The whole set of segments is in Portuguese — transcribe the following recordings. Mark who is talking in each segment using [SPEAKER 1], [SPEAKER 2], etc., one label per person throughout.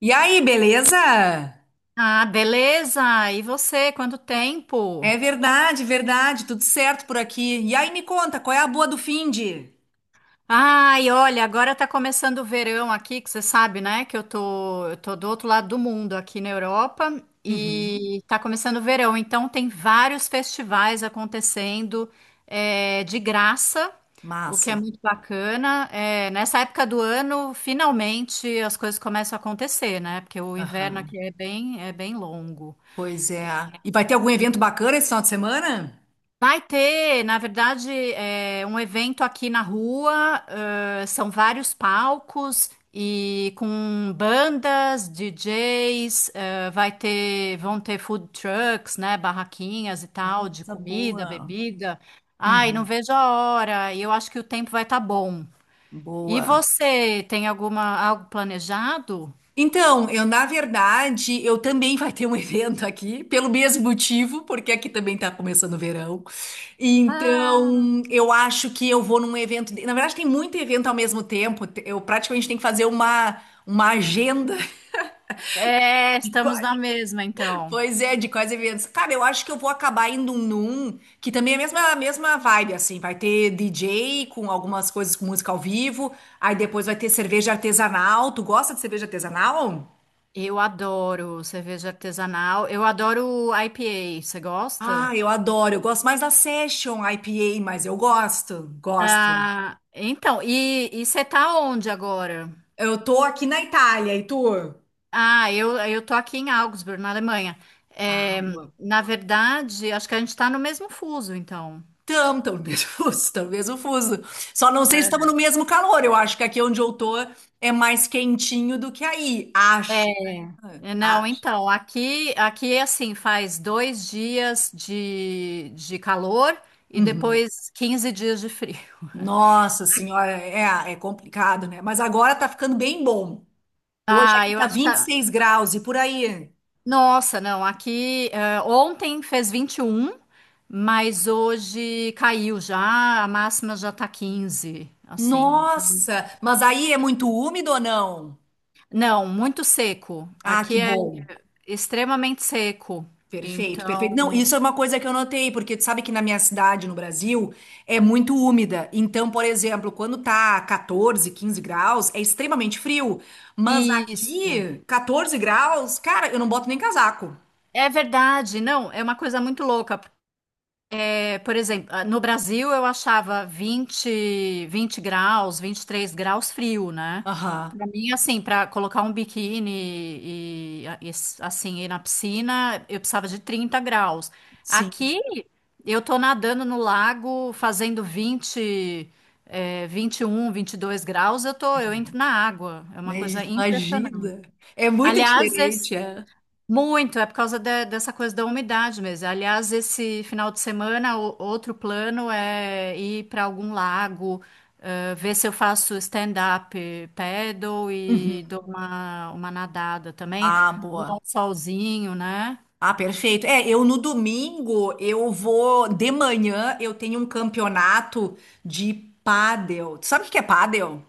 [SPEAKER 1] E aí, beleza?
[SPEAKER 2] Ah, beleza! E você, quanto tempo?
[SPEAKER 1] É verdade, tudo certo por aqui. E aí, me conta, qual é a boa do finde?
[SPEAKER 2] Ai, olha, agora tá começando o verão aqui, que você sabe, né? Que eu tô do outro lado do mundo, aqui na Europa,
[SPEAKER 1] Uhum,
[SPEAKER 2] e tá começando o verão, então tem vários festivais acontecendo é, de graça, o que é
[SPEAKER 1] massa.
[SPEAKER 2] muito bacana. É, nessa época do ano, finalmente as coisas começam a acontecer, né? Porque o inverno
[SPEAKER 1] Aham,
[SPEAKER 2] aqui é bem longo.
[SPEAKER 1] pois é. E vai ter algum evento bacana esse final de semana?
[SPEAKER 2] Vai ter, na verdade, é, um evento aqui na rua. São vários palcos e com bandas, DJs. Vai ter, vão ter food trucks, né, barraquinhas e
[SPEAKER 1] Ai,
[SPEAKER 2] tal de
[SPEAKER 1] coisa
[SPEAKER 2] comida,
[SPEAKER 1] boa.
[SPEAKER 2] bebida. Ai, não
[SPEAKER 1] Uhum,
[SPEAKER 2] vejo a hora. E eu acho que o tempo vai estar bom. E
[SPEAKER 1] boa.
[SPEAKER 2] você tem alguma algo planejado?
[SPEAKER 1] Então, eu na verdade, eu também vai ter um evento aqui, pelo mesmo motivo, porque aqui também tá começando o verão. Então, eu acho que eu vou num evento, na verdade tem muito evento ao mesmo tempo, eu praticamente tenho que fazer uma agenda
[SPEAKER 2] É,
[SPEAKER 1] de
[SPEAKER 2] estamos
[SPEAKER 1] quais,
[SPEAKER 2] na mesma, então.
[SPEAKER 1] pois é, de quais eventos. Cara, eu acho que eu vou acabar indo num que também é a mesma vibe assim, vai ter DJ com algumas coisas com música ao vivo, aí depois vai ter cerveja artesanal. Tu gosta de cerveja artesanal?
[SPEAKER 2] Eu adoro cerveja artesanal. Eu adoro IPA. Você gosta?
[SPEAKER 1] Ah, eu adoro. Eu gosto mais da Session IPA, mas eu gosto, gosto.
[SPEAKER 2] Ah, então, e você tá onde agora?
[SPEAKER 1] Eu tô aqui na Itália, e tu?
[SPEAKER 2] Ah, eu tô aqui em Augsburg, na Alemanha. É,
[SPEAKER 1] Água.
[SPEAKER 2] na verdade, acho que a gente tá no mesmo fuso, então.
[SPEAKER 1] Tam, tam, mesmo fuso, tam, mesmo fuso. Só não sei se estamos no mesmo calor. Eu acho que aqui onde eu tô é mais quentinho do que aí.
[SPEAKER 2] É,
[SPEAKER 1] Acho. Né?
[SPEAKER 2] é,
[SPEAKER 1] Ah,
[SPEAKER 2] não,
[SPEAKER 1] acho.
[SPEAKER 2] então, aqui assim, faz 2 dias de calor e
[SPEAKER 1] Uhum.
[SPEAKER 2] depois 15 dias de frio.
[SPEAKER 1] Nossa senhora, é, é complicado, né? Mas agora tá ficando bem bom. Hoje
[SPEAKER 2] Ah,
[SPEAKER 1] aqui
[SPEAKER 2] eu
[SPEAKER 1] tá
[SPEAKER 2] acho que
[SPEAKER 1] 26 graus e por aí.
[SPEAKER 2] Nossa, não, aqui ontem fez 21, mas hoje caiu já, a máxima já tá 15, assim.
[SPEAKER 1] Nossa, mas aí é muito úmido ou não?
[SPEAKER 2] Não, muito seco.
[SPEAKER 1] Ah, que
[SPEAKER 2] Aqui é
[SPEAKER 1] bom.
[SPEAKER 2] extremamente seco.
[SPEAKER 1] Perfeito,
[SPEAKER 2] Então,
[SPEAKER 1] perfeito. Não, isso é uma coisa que eu notei, porque tu sabe que na minha cidade, no Brasil, é muito úmida. Então, por exemplo, quando tá 14 15 graus, é extremamente frio. Mas
[SPEAKER 2] isso.
[SPEAKER 1] aqui, 14 graus, cara, eu não boto nem casaco.
[SPEAKER 2] É verdade, não, é uma coisa muito louca. É, por exemplo, ah, no Brasil eu achava 20, 20 graus, 23 graus frio, né?
[SPEAKER 1] Aham,
[SPEAKER 2] Para mim, assim, para colocar um biquíni assim ir na piscina, eu precisava de 30 graus.
[SPEAKER 1] sim.
[SPEAKER 2] Aqui eu tô nadando no lago fazendo 20, é, 21, 22 graus, eu tô, eu entro na água. É uma coisa
[SPEAKER 1] Mas
[SPEAKER 2] impressionante.
[SPEAKER 1] imagina. É muito
[SPEAKER 2] Aliás,
[SPEAKER 1] diferente, é.
[SPEAKER 2] muito, é por causa dessa coisa da umidade mesmo. Aliás, esse final de semana, outro plano é ir para algum lago, ver se eu faço stand-up paddle
[SPEAKER 1] Uhum.
[SPEAKER 2] e dou uma nadada também.
[SPEAKER 1] Ah,
[SPEAKER 2] Dar um
[SPEAKER 1] boa.
[SPEAKER 2] solzinho, né?
[SPEAKER 1] Ah, perfeito. É, eu no domingo, eu vou. De manhã, eu tenho um campeonato de pádel. Tu sabe o que que é pádel?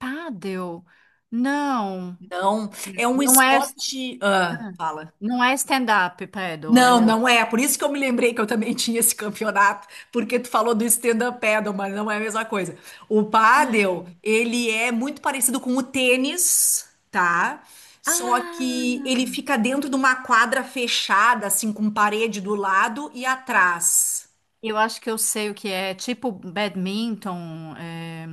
[SPEAKER 2] Paddle? Não,
[SPEAKER 1] Não, é um
[SPEAKER 2] não é,
[SPEAKER 1] esporte. Ah,
[SPEAKER 2] ah,
[SPEAKER 1] fala.
[SPEAKER 2] não é stand-up paddle, é
[SPEAKER 1] Não,
[SPEAKER 2] outro.
[SPEAKER 1] não é. Por isso que eu me lembrei que eu também tinha esse campeonato, porque tu falou do stand-up paddle, mas não é a mesma coisa. O
[SPEAKER 2] É.
[SPEAKER 1] paddle, ele é muito parecido com o tênis, tá? Só que
[SPEAKER 2] Ah!
[SPEAKER 1] ele fica dentro de uma quadra fechada, assim, com parede do lado e atrás.
[SPEAKER 2] Eu acho que eu sei o que é tipo badminton, é,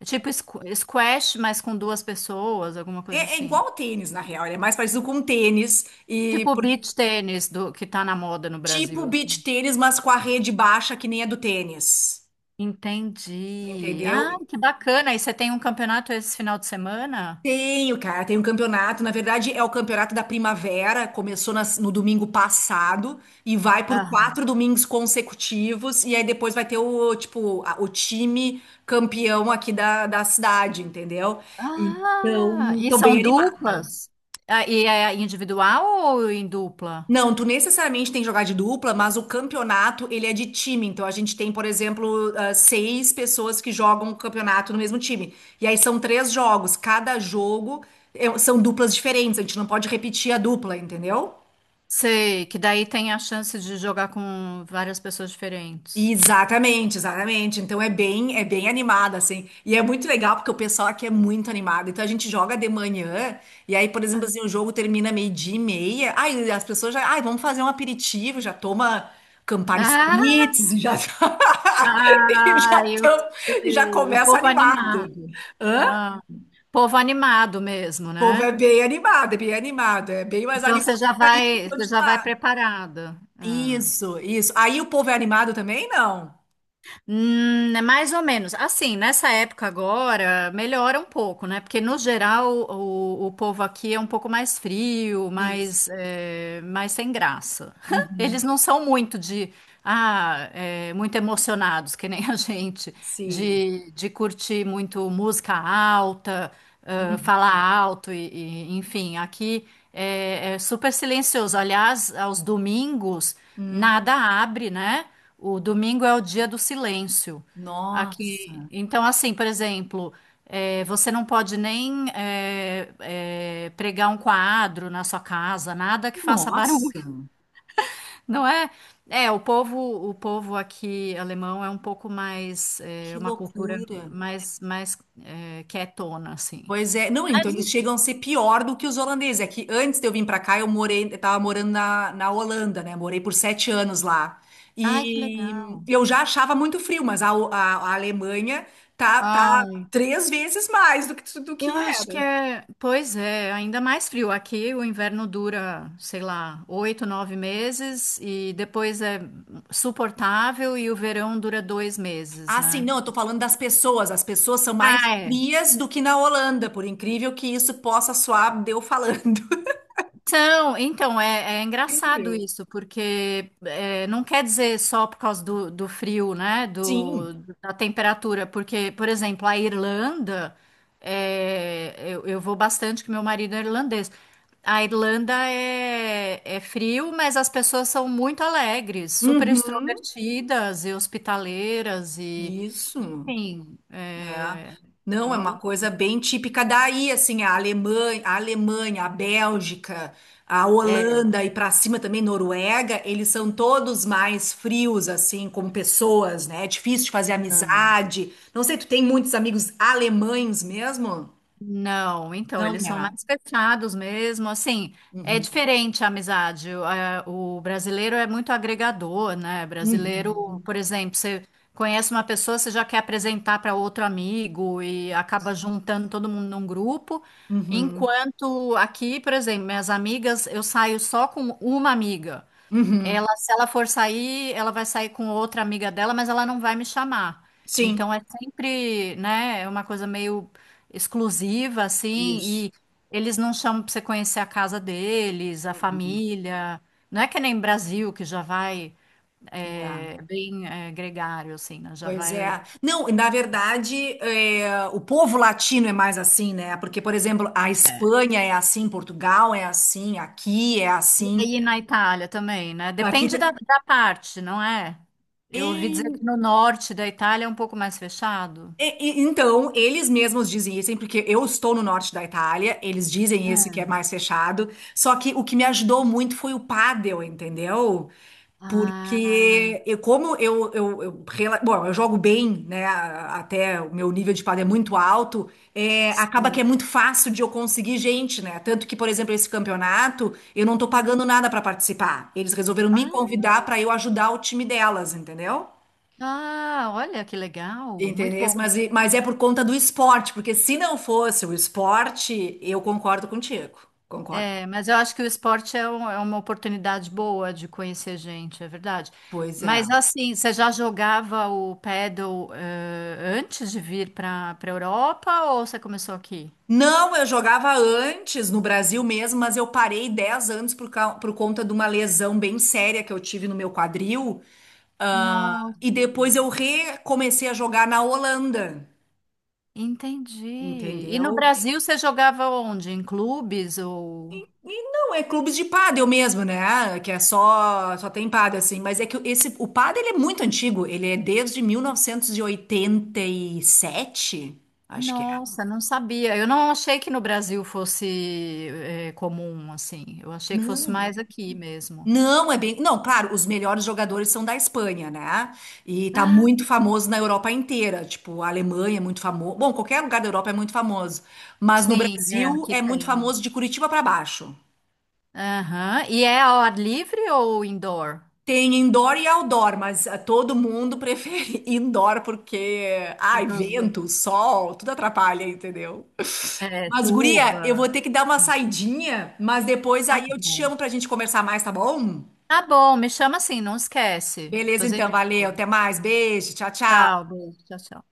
[SPEAKER 2] é tipo squash, mas com duas pessoas, alguma
[SPEAKER 1] É,
[SPEAKER 2] coisa
[SPEAKER 1] é
[SPEAKER 2] assim.
[SPEAKER 1] igual ao tênis, na real. Ele é mais parecido com o tênis e
[SPEAKER 2] Tipo beach tênis do que tá na moda no
[SPEAKER 1] tipo
[SPEAKER 2] Brasil.
[SPEAKER 1] beach
[SPEAKER 2] Assim.
[SPEAKER 1] tênis, mas com a rede baixa que nem a do tênis.
[SPEAKER 2] Entendi.
[SPEAKER 1] Entendeu?
[SPEAKER 2] Ah, que bacana. E você tem um campeonato esse final de semana?
[SPEAKER 1] Tenho, cara, tem um campeonato. Na verdade, é o campeonato da primavera. Começou no domingo passado e vai por
[SPEAKER 2] Ah,
[SPEAKER 1] 4 domingos consecutivos. E aí depois vai ter o tipo o time campeão aqui da cidade, entendeu?
[SPEAKER 2] ah,
[SPEAKER 1] Então,
[SPEAKER 2] e
[SPEAKER 1] tô
[SPEAKER 2] são
[SPEAKER 1] bem animada.
[SPEAKER 2] duplas? Ah, e é individual ou em dupla?
[SPEAKER 1] Não, tu necessariamente tem que jogar de dupla, mas o campeonato, ele é de time. Então, a gente tem, por exemplo, ah, 6 pessoas que jogam o campeonato no mesmo time. E aí são três jogos. Cada jogo são duplas diferentes. A gente não pode repetir a dupla, entendeu?
[SPEAKER 2] Sei, que daí tem a chance de jogar com várias pessoas diferentes.
[SPEAKER 1] Exatamente, exatamente. Então é bem animada assim. E é muito legal porque o pessoal aqui é muito animado. Então a gente joga de manhã e aí, por exemplo, assim, o jogo termina meio-dia e meia. Aí as pessoas já, ai, vamos fazer um aperitivo, já toma Campari
[SPEAKER 2] Ah.
[SPEAKER 1] Spritz e já e já,
[SPEAKER 2] Ah, eu
[SPEAKER 1] tão- e já
[SPEAKER 2] sei. O
[SPEAKER 1] começa
[SPEAKER 2] povo
[SPEAKER 1] animado.
[SPEAKER 2] animado.
[SPEAKER 1] Hã?
[SPEAKER 2] Ah, povo animado mesmo,
[SPEAKER 1] O povo é
[SPEAKER 2] né?
[SPEAKER 1] bem animado, é bem animado, é bem mais
[SPEAKER 2] Então
[SPEAKER 1] animado
[SPEAKER 2] você já
[SPEAKER 1] que
[SPEAKER 2] vai, você
[SPEAKER 1] onde tu
[SPEAKER 2] já vai
[SPEAKER 1] tá.
[SPEAKER 2] preparada. Ah.
[SPEAKER 1] Isso, isso. Aí o povo é animado também? Não.
[SPEAKER 2] É mais ou menos. Assim, nessa época agora melhora um pouco, né? Porque no geral o povo aqui é um pouco mais frio,
[SPEAKER 1] Isso.
[SPEAKER 2] mais, é, mais sem graça. Eles
[SPEAKER 1] Uhum,
[SPEAKER 2] não são muito de muito emocionados, que nem a gente,
[SPEAKER 1] sim.
[SPEAKER 2] de curtir muito música alta,
[SPEAKER 1] Uhum.
[SPEAKER 2] falar alto, enfim, aqui é super silencioso. Aliás, aos domingos,
[SPEAKER 1] Hum,
[SPEAKER 2] nada abre, né? O domingo é o dia do silêncio.
[SPEAKER 1] nossa,
[SPEAKER 2] Aqui, então, assim, por exemplo, você não pode nem pregar um quadro na sua casa, nada que faça barulho.
[SPEAKER 1] nossa,
[SPEAKER 2] Não é? É, o povo aqui alemão é um pouco mais, é,
[SPEAKER 1] que
[SPEAKER 2] uma cultura
[SPEAKER 1] loucura.
[SPEAKER 2] mais é, quietona, assim.
[SPEAKER 1] Pois é, não, então eles chegam a ser pior do que os holandeses. É que antes de eu vir para cá, eu morei, eu tava morando na Holanda, né? Morei por 7 anos lá.
[SPEAKER 2] Ai, que legal.
[SPEAKER 1] E eu já achava muito frio, mas a Alemanha tá, tá
[SPEAKER 2] Ai,
[SPEAKER 1] três vezes mais do que
[SPEAKER 2] eu acho que
[SPEAKER 1] era.
[SPEAKER 2] é, pois é, ainda mais frio. Aqui o inverno dura, sei lá, 8, 9 meses e depois é suportável e o verão dura 2 meses,
[SPEAKER 1] Ah, sim,
[SPEAKER 2] né?
[SPEAKER 1] não, eu tô falando das pessoas. As pessoas são mais
[SPEAKER 2] Ah, é.
[SPEAKER 1] frias do que na Holanda, por incrível que isso possa soar, deu falando.
[SPEAKER 2] Então é engraçado
[SPEAKER 1] Incrível.
[SPEAKER 2] isso, porque é, não quer dizer só por causa do frio, né?
[SPEAKER 1] Sim.
[SPEAKER 2] Do, da temperatura, porque, por exemplo, a Irlanda, é, eu vou bastante, que meu marido é irlandês. A Irlanda é frio, mas as pessoas são muito alegres, super
[SPEAKER 1] Uhum,
[SPEAKER 2] extrovertidas e hospitaleiras, e
[SPEAKER 1] isso,
[SPEAKER 2] enfim,
[SPEAKER 1] é.
[SPEAKER 2] é, é
[SPEAKER 1] Não, é
[SPEAKER 2] uma
[SPEAKER 1] uma
[SPEAKER 2] loucura.
[SPEAKER 1] coisa bem típica daí, assim, a Alemanha, a Bélgica, a Holanda e para cima também Noruega, eles são todos mais frios, assim, como pessoas, né? É difícil de fazer amizade. Não sei, tu tem muitos amigos alemães mesmo?
[SPEAKER 2] Não, então,
[SPEAKER 1] Não,
[SPEAKER 2] eles são
[SPEAKER 1] é.
[SPEAKER 2] mais fechados mesmo, assim, é
[SPEAKER 1] Uhum,
[SPEAKER 2] diferente a amizade. O brasileiro é muito agregador, né? Brasileiro,
[SPEAKER 1] uhum,
[SPEAKER 2] por exemplo, você conhece uma pessoa, você já quer apresentar para outro amigo e acaba juntando todo mundo num grupo.
[SPEAKER 1] uhum,
[SPEAKER 2] Enquanto aqui, por exemplo, minhas amigas, eu saio só com uma amiga.
[SPEAKER 1] uhum.
[SPEAKER 2] Ela, se ela for sair, ela vai sair com outra amiga dela, mas ela não vai me chamar. Então
[SPEAKER 1] Sim,
[SPEAKER 2] é sempre, né, é uma coisa meio exclusiva, assim,
[SPEAKER 1] isso.
[SPEAKER 2] e eles não chamam pra você conhecer a casa deles, a família. Não é que nem Brasil, que já vai
[SPEAKER 1] É.
[SPEAKER 2] é, bem é, gregário, assim, né? Já
[SPEAKER 1] Pois
[SPEAKER 2] vai.
[SPEAKER 1] é. Não, e na verdade, é, o povo latino é mais assim, né? Porque, por exemplo, a
[SPEAKER 2] É.
[SPEAKER 1] Espanha é assim, Portugal é assim, aqui é assim,
[SPEAKER 2] E na Itália também, né?
[SPEAKER 1] aqui.
[SPEAKER 2] Depende da,
[SPEAKER 1] te-
[SPEAKER 2] da parte, não é? Eu ouvi dizer que
[SPEAKER 1] E-
[SPEAKER 2] no norte da Itália é um pouco mais fechado.
[SPEAKER 1] então, eles mesmos dizem isso, hein, porque eu estou no norte da Itália, eles dizem isso que é
[SPEAKER 2] É.
[SPEAKER 1] mais fechado. Só que o que me ajudou muito foi o pádel, entendeu?
[SPEAKER 2] Ah,
[SPEAKER 1] Porque eu, como bom, eu jogo bem, né? Até o meu nível de quadro é muito alto, é, acaba que é
[SPEAKER 2] sim.
[SPEAKER 1] muito fácil de eu conseguir gente, né? Tanto que, por exemplo, esse campeonato, eu não tô pagando nada para participar. Eles resolveram me
[SPEAKER 2] Ah,
[SPEAKER 1] convidar para eu ajudar o time delas, entendeu?
[SPEAKER 2] ah, olha que legal, muito
[SPEAKER 1] Entendeu?
[SPEAKER 2] bom.
[SPEAKER 1] Mas, mas é por conta do esporte, porque se não fosse o esporte, eu concordo contigo. Concordo.
[SPEAKER 2] É, mas eu acho que o esporte é, é uma oportunidade boa de conhecer gente, é verdade.
[SPEAKER 1] Pois é.
[SPEAKER 2] Mas assim, você já jogava o paddle, antes de vir para Europa ou você começou aqui?
[SPEAKER 1] Não, eu jogava antes no Brasil mesmo, mas eu parei 10 anos por, por conta de uma lesão bem séria que eu tive no meu quadril.
[SPEAKER 2] Não,
[SPEAKER 1] Ah, e depois eu recomecei a jogar na Holanda,
[SPEAKER 2] entendi. E no
[SPEAKER 1] entendeu?
[SPEAKER 2] Brasil você jogava onde? Em clubes ou?
[SPEAKER 1] E não, é clubes de pádel mesmo, né? Que é só, só tem pádel assim. Mas é que esse, o pádel ele é muito antigo, ele é desde mil novecentos e oitenta e sete, acho que é.
[SPEAKER 2] Nossa, não sabia. Eu não achei que no Brasil fosse, comum assim. Eu achei que fosse
[SPEAKER 1] Não,
[SPEAKER 2] mais aqui mesmo.
[SPEAKER 1] não, é bem. Não, claro, os melhores jogadores são da Espanha, né? E tá muito famoso na Europa inteira. Tipo, a Alemanha é muito famoso. Bom, qualquer lugar da Europa é muito famoso. Mas no
[SPEAKER 2] Sim, é,
[SPEAKER 1] Brasil
[SPEAKER 2] aqui
[SPEAKER 1] é muito
[SPEAKER 2] tem.
[SPEAKER 1] famoso de Curitiba pra baixo.
[SPEAKER 2] Aham. E é ao ar livre ou indoor?
[SPEAKER 1] Tem indoor e outdoor, mas ah, todo mundo prefere indoor porque,
[SPEAKER 2] Por
[SPEAKER 1] ai,
[SPEAKER 2] causa
[SPEAKER 1] vento, sol, tudo atrapalha, entendeu?
[SPEAKER 2] é,
[SPEAKER 1] Mas, guria, eu vou
[SPEAKER 2] chuva.
[SPEAKER 1] ter que dar uma
[SPEAKER 2] Hum,
[SPEAKER 1] saidinha, mas depois
[SPEAKER 2] Tá
[SPEAKER 1] aí eu te
[SPEAKER 2] bom.
[SPEAKER 1] chamo pra gente conversar mais, tá bom?
[SPEAKER 2] Tá bom, me chama assim, não esquece.
[SPEAKER 1] Beleza,
[SPEAKER 2] Depois a
[SPEAKER 1] então,
[SPEAKER 2] gente
[SPEAKER 1] valeu,
[SPEAKER 2] fala.
[SPEAKER 1] até mais, beijo, tchau,
[SPEAKER 2] Tchau,
[SPEAKER 1] tchau.
[SPEAKER 2] beijo, tchau, tchau.